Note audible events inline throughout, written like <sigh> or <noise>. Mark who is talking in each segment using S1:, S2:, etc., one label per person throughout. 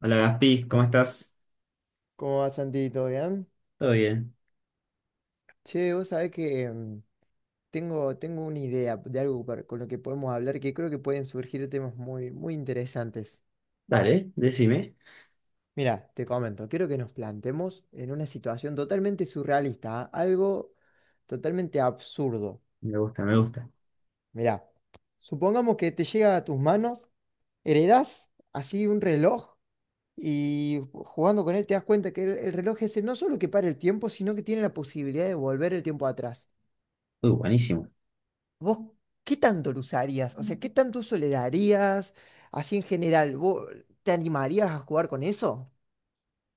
S1: Hola Gaspi, ¿cómo estás?
S2: ¿Cómo va, Santi? ¿Todo bien?
S1: Todo bien.
S2: Che, vos sabés que tengo una idea de algo con lo que podemos hablar que creo que pueden surgir temas muy, muy interesantes.
S1: Dale, decime.
S2: Mira, te comento, quiero que nos planteemos en una situación totalmente surrealista, ¿ah? Algo totalmente absurdo.
S1: Me gusta, me gusta.
S2: Mira, supongamos que te llega a tus manos, heredás así un reloj y jugando con él te das cuenta que el reloj ese no solo que para el tiempo, sino que tiene la posibilidad de volver el tiempo atrás.
S1: Uy, buenísimo.
S2: ¿Vos qué tanto lo usarías? O sea, ¿qué tanto uso le darías? Así en general, ¿vos te animarías a jugar con eso?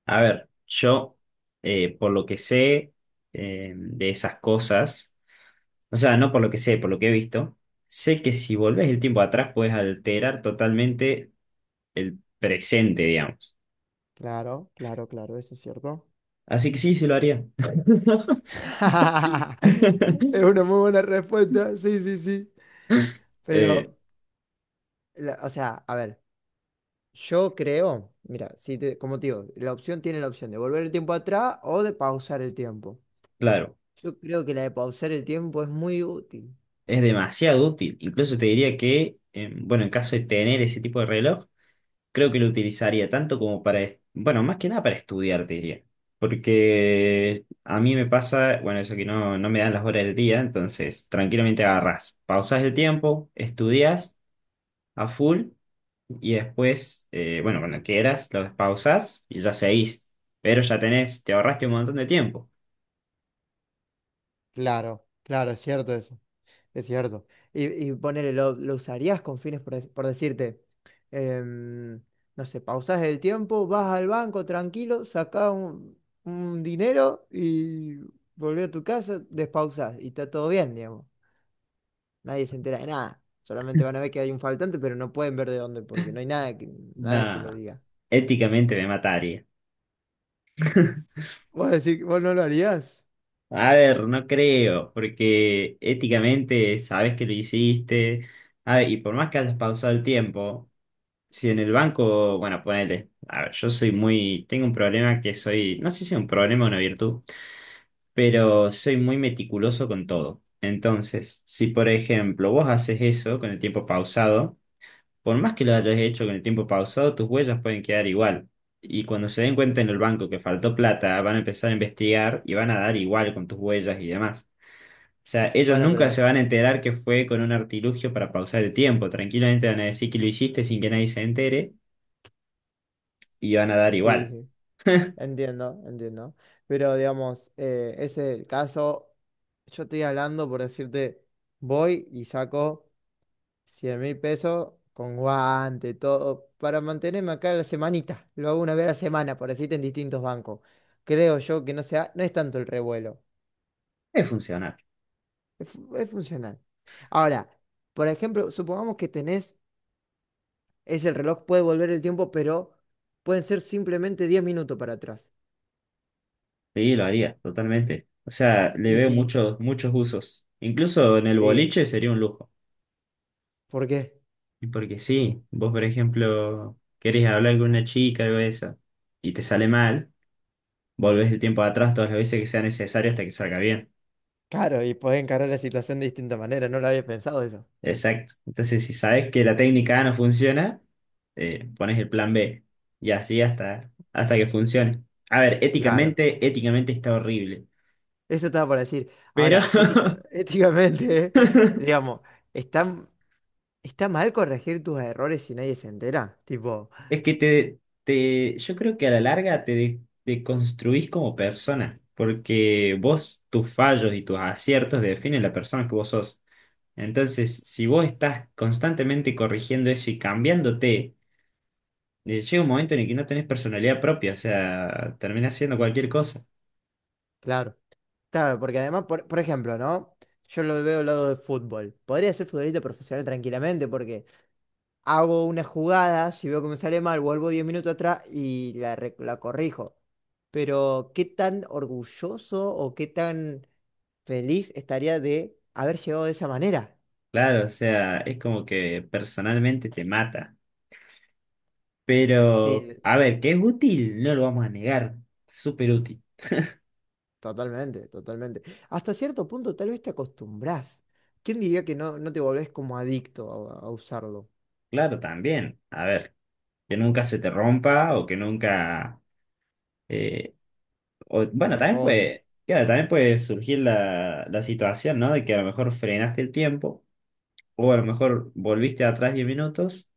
S1: A ver, yo, por lo que sé, de esas cosas, o sea, no por lo que sé, por lo que he visto, sé que si volvés el tiempo atrás puedes alterar totalmente el presente, digamos.
S2: Claro, claro, claro, eso es cierto.
S1: Así que sí, se lo haría. <laughs>
S2: <laughs> Es una muy buena respuesta, sí, sí, sí.
S1: Eh,
S2: Pero, o sea, a ver, yo creo, mira, si te- como te digo, la opción tiene la opción de volver el tiempo atrás o de pausar el tiempo.
S1: claro,
S2: Yo creo que la de pausar el tiempo es muy útil.
S1: es demasiado útil. Incluso te diría que, bueno, en caso de tener ese tipo de reloj, creo que lo utilizaría tanto como para, bueno, más que nada para estudiar, te diría. Porque a mí me pasa, bueno, eso que no me dan las horas del día, entonces tranquilamente agarrás, pausás el tiempo, estudias a full y después, bueno, cuando quieras, lo despausás y ya seguís. Pero ya tenés, te ahorraste un montón de tiempo.
S2: Claro, claro, es cierto eso. Es cierto. Y ponele, lo usarías con fines, por decirte, em, no sé, pausás el tiempo, vas al banco tranquilo, sacás un dinero y volvés a tu casa, despausás y está todo bien, digamos. Nadie se entera de nada. Solamente van a ver que hay un faltante, pero no pueden ver de dónde, porque no hay nada que lo
S1: Nada,
S2: diga.
S1: éticamente me mataría. <laughs>
S2: <laughs> Vos decís, vos no lo harías.
S1: A ver, no creo, porque éticamente sabes que lo hiciste. A ver, y por más que hayas pausado el tiempo, si en el banco, bueno, ponele, a ver, yo soy muy, tengo un problema que soy, no sé si es un problema o una virtud, pero soy muy meticuloso con todo. Entonces, si por ejemplo vos haces eso con el tiempo pausado, por más que lo hayas hecho con el tiempo pausado, tus huellas pueden quedar igual. Y cuando se den cuenta en el banco que faltó plata, van a empezar a investigar y van a dar igual con tus huellas y demás. O sea, ellos
S2: Bueno, pero
S1: nunca se van a enterar que fue con un artilugio para pausar el tiempo. Tranquilamente van a decir que lo hiciste sin que nadie se entere y van a dar
S2: sí,
S1: igual.
S2: sí. Entiendo, entiendo. Pero digamos, ese es el caso. Yo estoy hablando por decirte, voy y saco 100.000 pesos con guante, todo, para mantenerme acá la semanita. Lo hago una vez a la semana, por decirte, en distintos bancos. Creo yo que no sea, no es tanto el revuelo.
S1: Es funcionar.
S2: Es funcional. Ahora, por ejemplo, supongamos que tenés, es el reloj, puede volver el tiempo, pero pueden ser simplemente 10 minutos para atrás.
S1: Sí, lo haría, totalmente. O sea, le
S2: Y
S1: veo
S2: si,
S1: muchos, muchos usos. Incluso en el
S2: sí,
S1: boliche sería un lujo.
S2: ¿por qué?
S1: Y porque sí, vos, por ejemplo, querés hablar con una chica o eso, y te sale mal, volvés el tiempo atrás todas las veces que sea necesario hasta que salga bien.
S2: Claro, y podés encarar la situación de distinta manera, no lo había pensado eso.
S1: Exacto. Entonces, si sabes que la técnica A no funciona, pones el plan B y así hasta, hasta que funcione. A ver,
S2: Claro,
S1: éticamente, éticamente está horrible,
S2: eso estaba por decir.
S1: pero <laughs>
S2: Ahora, <laughs> éticamente, <laughs> digamos, ¿está, está mal corregir tus errores si nadie se entera? Tipo,
S1: es que yo creo que a la larga te construís como persona, porque vos, tus fallos y tus aciertos definen la persona que vos sos. Entonces, si vos estás constantemente corrigiendo eso y cambiándote, y llega un momento en el que no tenés personalidad propia, o sea, terminás haciendo cualquier cosa.
S2: claro. Claro, porque además, por ejemplo, ¿no? Yo lo veo al lado del fútbol. Podría ser futbolista profesional tranquilamente porque hago una jugada, si veo que me sale mal, vuelvo 10 minutos atrás y la corrijo. Pero, ¿qué tan orgulloso o qué tan feliz estaría de haber llegado de esa manera?
S1: Claro, o sea, es como que personalmente te mata.
S2: Sí,
S1: Pero, a ver, que es útil, no lo vamos a negar. Súper útil.
S2: totalmente, totalmente. Hasta cierto punto tal vez te acostumbrás. ¿Quién diría que no, no te volvés como adicto a usarlo?
S1: Claro, también. A ver, que nunca se te rompa o que nunca... eh,
S2: Te
S1: bueno,
S2: lo
S1: también
S2: roben.
S1: puede, claro, también puede surgir la situación, ¿no? De que a lo mejor frenaste el tiempo o a lo mejor volviste atrás 10 minutos.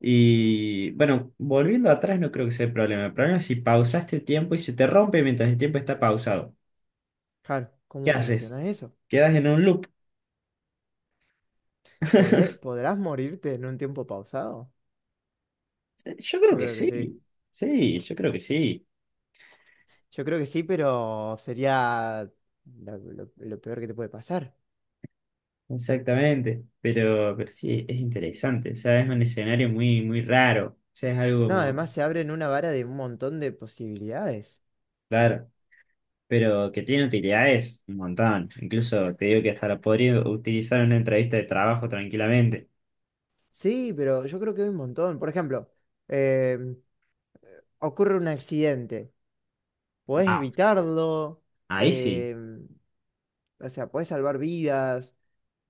S1: Y bueno, volviendo atrás no creo que sea el problema. El problema es si pausaste el tiempo y se te rompe mientras el tiempo está pausado.
S2: Claro,
S1: ¿Qué
S2: ¿cómo
S1: haces?
S2: solucionás eso?
S1: ¿Quedas en un loop?
S2: ¿Podrás morirte en un tiempo pausado?
S1: Yo creo
S2: Yo
S1: que
S2: creo que
S1: sí.
S2: sí.
S1: Sí, yo creo que sí.
S2: Yo creo que sí, pero sería lo peor que te puede pasar.
S1: Exactamente. Pero sí, es interesante. O sea, es un escenario muy, muy raro. O sea, es algo
S2: No,
S1: como,
S2: además se abren una vara de un montón de posibilidades.
S1: claro, pero que tiene utilidades un montón. Incluso te digo que hasta lo podría utilizar en una entrevista de trabajo tranquilamente.
S2: Sí, pero yo creo que hay un montón. Por ejemplo, em, ocurre un accidente, podés
S1: Ah,
S2: evitarlo,
S1: ahí sí.
S2: em, o sea, podés salvar vidas,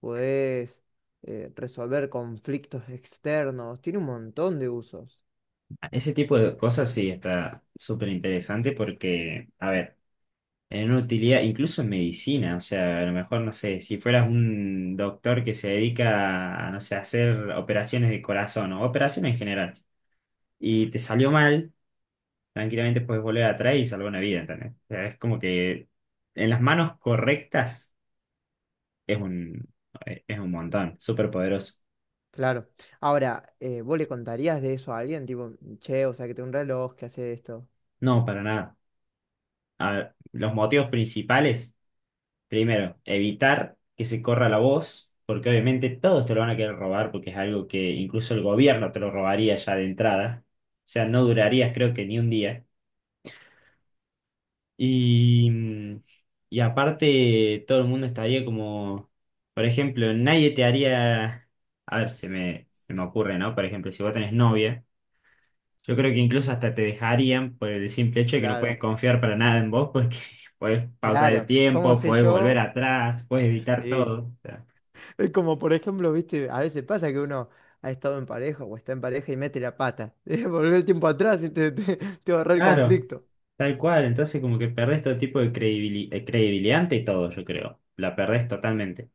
S2: podés resolver conflictos externos, tiene un montón de usos.
S1: Ese tipo de cosas sí está súper interesante porque, a ver, en una utilidad, incluso en medicina, o sea, a lo mejor, no sé, si fueras un doctor que se dedica a, no sé, a hacer operaciones de corazón o operaciones en general, y te salió mal, tranquilamente puedes volver atrás y salvar una vida, ¿entendés? O sea, es como que en las manos correctas es un, es un montón, súper poderoso.
S2: Claro. Ahora, ¿vos le contarías de eso a alguien? Tipo, che, o sea, que tengo un reloj que hace esto.
S1: No, para nada. A ver, los motivos principales. Primero, evitar que se corra la voz, porque obviamente todos te lo van a querer robar, porque es algo que incluso el gobierno te lo robaría ya de entrada. O sea, no durarías creo que ni un día. Y, mm, y aparte, todo el mundo estaría como, por ejemplo, nadie te haría, a ver, se me ocurre, ¿no? Por ejemplo, si vos tenés novia, yo creo que incluso hasta te dejarían por el simple hecho de que no puedes
S2: Claro,
S1: confiar para nada en vos, porque <laughs> puedes pausar el
S2: claro. ¿Cómo
S1: tiempo,
S2: sé
S1: puedes volver
S2: yo?
S1: atrás, puedes evitar
S2: Sí.
S1: todo.
S2: Es como, por ejemplo, viste, a veces pasa que uno ha estado en pareja o está en pareja y mete la pata. <laughs> Volver el tiempo atrás y te ahorra el
S1: Claro,
S2: conflicto.
S1: tal cual. Entonces como que perdés todo tipo de credibilidad ante todo, yo creo. La perdés totalmente.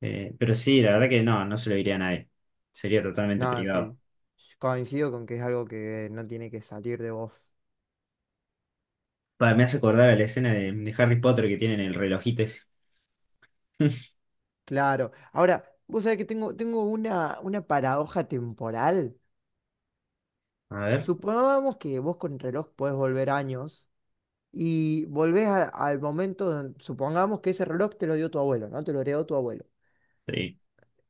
S1: Pero sí, la verdad que no se lo diría a nadie. Sería totalmente
S2: No,
S1: privado.
S2: sí. Coincido con que es algo que no tiene que salir de vos.
S1: Pa, me hace acordar a la escena de Harry Potter que tienen el relojito ese. <laughs>
S2: Claro. Ahora, vos sabés que tengo una paradoja temporal.
S1: A ver.
S2: Supongamos que vos con el reloj podés volver años y volvés al momento, supongamos que ese reloj te lo dio tu abuelo, ¿no? Te lo heredó tu abuelo.
S1: Sí.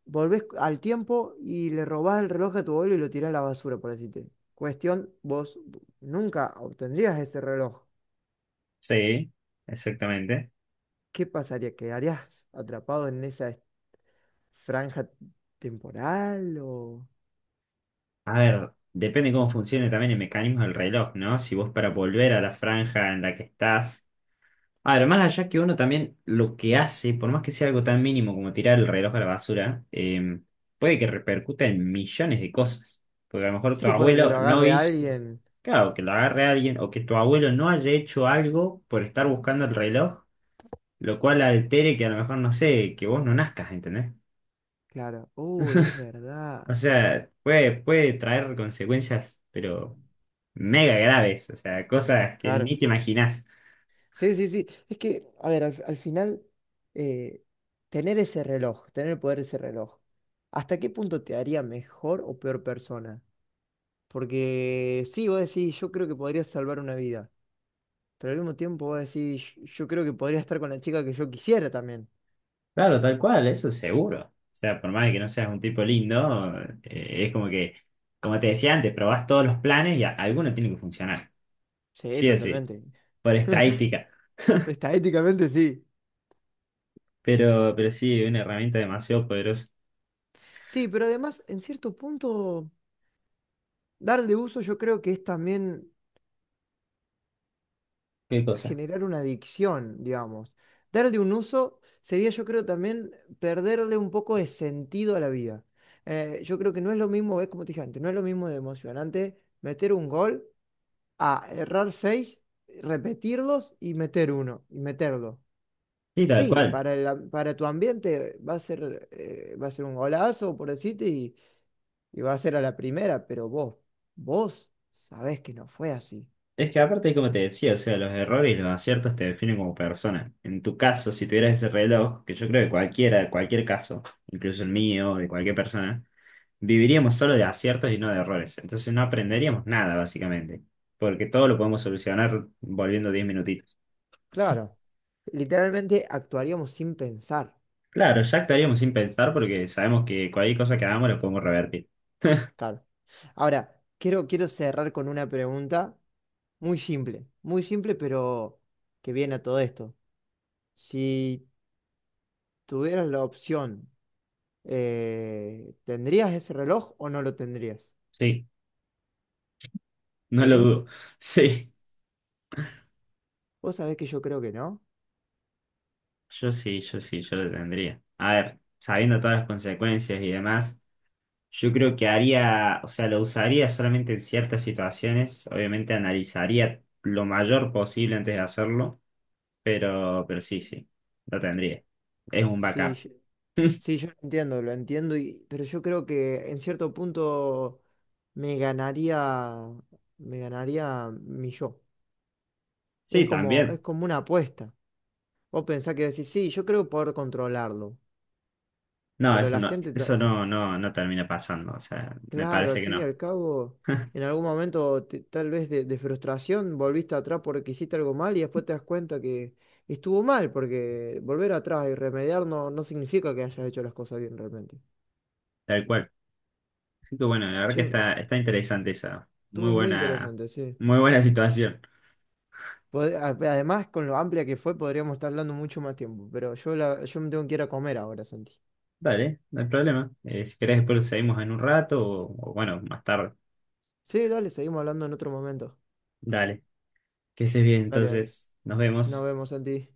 S2: Volvés al tiempo y le robás el reloj a tu abuelo y lo tirás a la basura, por decirte. Cuestión, vos nunca obtendrías ese reloj.
S1: Sí, exactamente.
S2: ¿Qué pasaría? ¿Quedarías atrapado en esa franja temporal o...
S1: A ver, depende cómo funcione también el mecanismo del reloj, ¿no? Si vos para volver a la franja en la que estás... Además, allá que uno también lo que hace, por más que sea algo tan mínimo como tirar el reloj a la basura, puede que repercuta en millones de cosas. Porque a lo mejor tu
S2: Sí, puede que lo
S1: abuelo no
S2: agarre
S1: hizo,
S2: alguien.
S1: claro, que lo agarre alguien, o que tu abuelo no haya hecho algo por estar buscando el reloj, lo cual altere que a lo mejor, no sé, que vos no nazcas, ¿entendés?
S2: Claro. Uy, es
S1: O
S2: verdad.
S1: sea, puede, puede traer consecuencias, pero mega graves, o sea, cosas que
S2: Claro.
S1: ni te imaginás.
S2: Sí, sí, sí. Es que, a ver, al final, eh, tener ese reloj, tener el poder de ese reloj, ¿hasta qué punto te haría mejor o peor persona? Porque sí, vos decís, yo creo que podría salvar una vida, pero al mismo tiempo vos decís, yo creo que podría estar con la chica que yo quisiera también.
S1: Claro, tal cual, eso es seguro. O sea, por más que no seas un tipo lindo, es como que, como te decía antes, probás todos los planes y alguno tiene que funcionar.
S2: Sí,
S1: Sí o sí,
S2: totalmente.
S1: por
S2: <laughs>
S1: estadística.
S2: Está sí.
S1: Pero sí, una herramienta demasiado poderosa.
S2: Sí, pero además, en cierto punto... Darle uso yo creo que es también
S1: ¿Qué cosa?
S2: generar una adicción, digamos. Darle un uso sería yo creo también perderle un poco de sentido a la vida. Yo creo que no es lo mismo, es como te dije antes, no es lo mismo de emocionante meter un gol a errar seis, repetirlos y meter uno, y meterlo.
S1: Sí, tal
S2: Sí,
S1: cual.
S2: para tu ambiente va a ser un golazo, por decirte, y va a ser a la primera, pero vos sabés que no fue así.
S1: Es que aparte, como te decía, o sea, los errores y los aciertos te definen como persona. En tu caso, si tuvieras ese reloj, que yo creo que cualquiera, cualquier caso, incluso el mío, de cualquier persona, viviríamos solo de aciertos y no de errores. Entonces no aprenderíamos nada, básicamente. Porque todo lo podemos solucionar volviendo 10 minutitos.
S2: Claro. Literalmente actuaríamos sin pensar.
S1: Claro, ya actuaríamos sin pensar porque sabemos que cualquier cosa que hagamos lo podemos revertir.
S2: Claro. Ahora, quiero, quiero cerrar con una pregunta muy simple, pero que viene a todo esto. Si tuvieras la opción, ¿tendrías ese reloj o no lo tendrías?
S1: Sí, no lo
S2: ¿Sí?
S1: dudo. <laughs> Sí,
S2: Vos sabés que yo creo que no.
S1: yo sí, yo sí, yo lo tendría. A ver, sabiendo todas las consecuencias y demás, yo creo que haría, o sea, lo usaría solamente en ciertas situaciones. Obviamente analizaría lo mayor posible antes de hacerlo, pero sí, sí, lo tendría. Es un
S2: Sí,
S1: backup.
S2: yo-
S1: <laughs>
S2: sí, yo lo entiendo, pero yo creo que en cierto punto me ganaría, me ganaría mi yo.
S1: Sí,
S2: Es
S1: también.
S2: como una apuesta. Vos pensás que decís, sí, yo creo poder controlarlo,
S1: No,
S2: pero
S1: eso
S2: la
S1: no,
S2: gente,
S1: eso no, no, no termina pasando. O sea, me
S2: claro,
S1: parece
S2: al
S1: que
S2: fin y
S1: no.
S2: al cabo, en
S1: <laughs>
S2: algún momento tal vez de frustración volviste atrás porque hiciste algo mal y después te das cuenta que estuvo mal, porque volver atrás y remediar no, no significa que hayas hecho las cosas bien realmente.
S1: Tal cual. Así que bueno, la verdad que
S2: Che,
S1: está, está interesante esa.
S2: estuvo muy interesante, sí.
S1: Muy buena situación.
S2: Además, con lo amplia que fue, podríamos estar hablando mucho más tiempo, pero yo me tengo que ir a comer ahora, Santi.
S1: Dale, no hay problema. Si querés, después lo seguimos en un rato o bueno, más tarde.
S2: Sí, dale, seguimos hablando en otro momento.
S1: Dale, que estés bien.
S2: Dale, dale.
S1: Entonces, nos
S2: Nos
S1: vemos.
S2: vemos, Santi.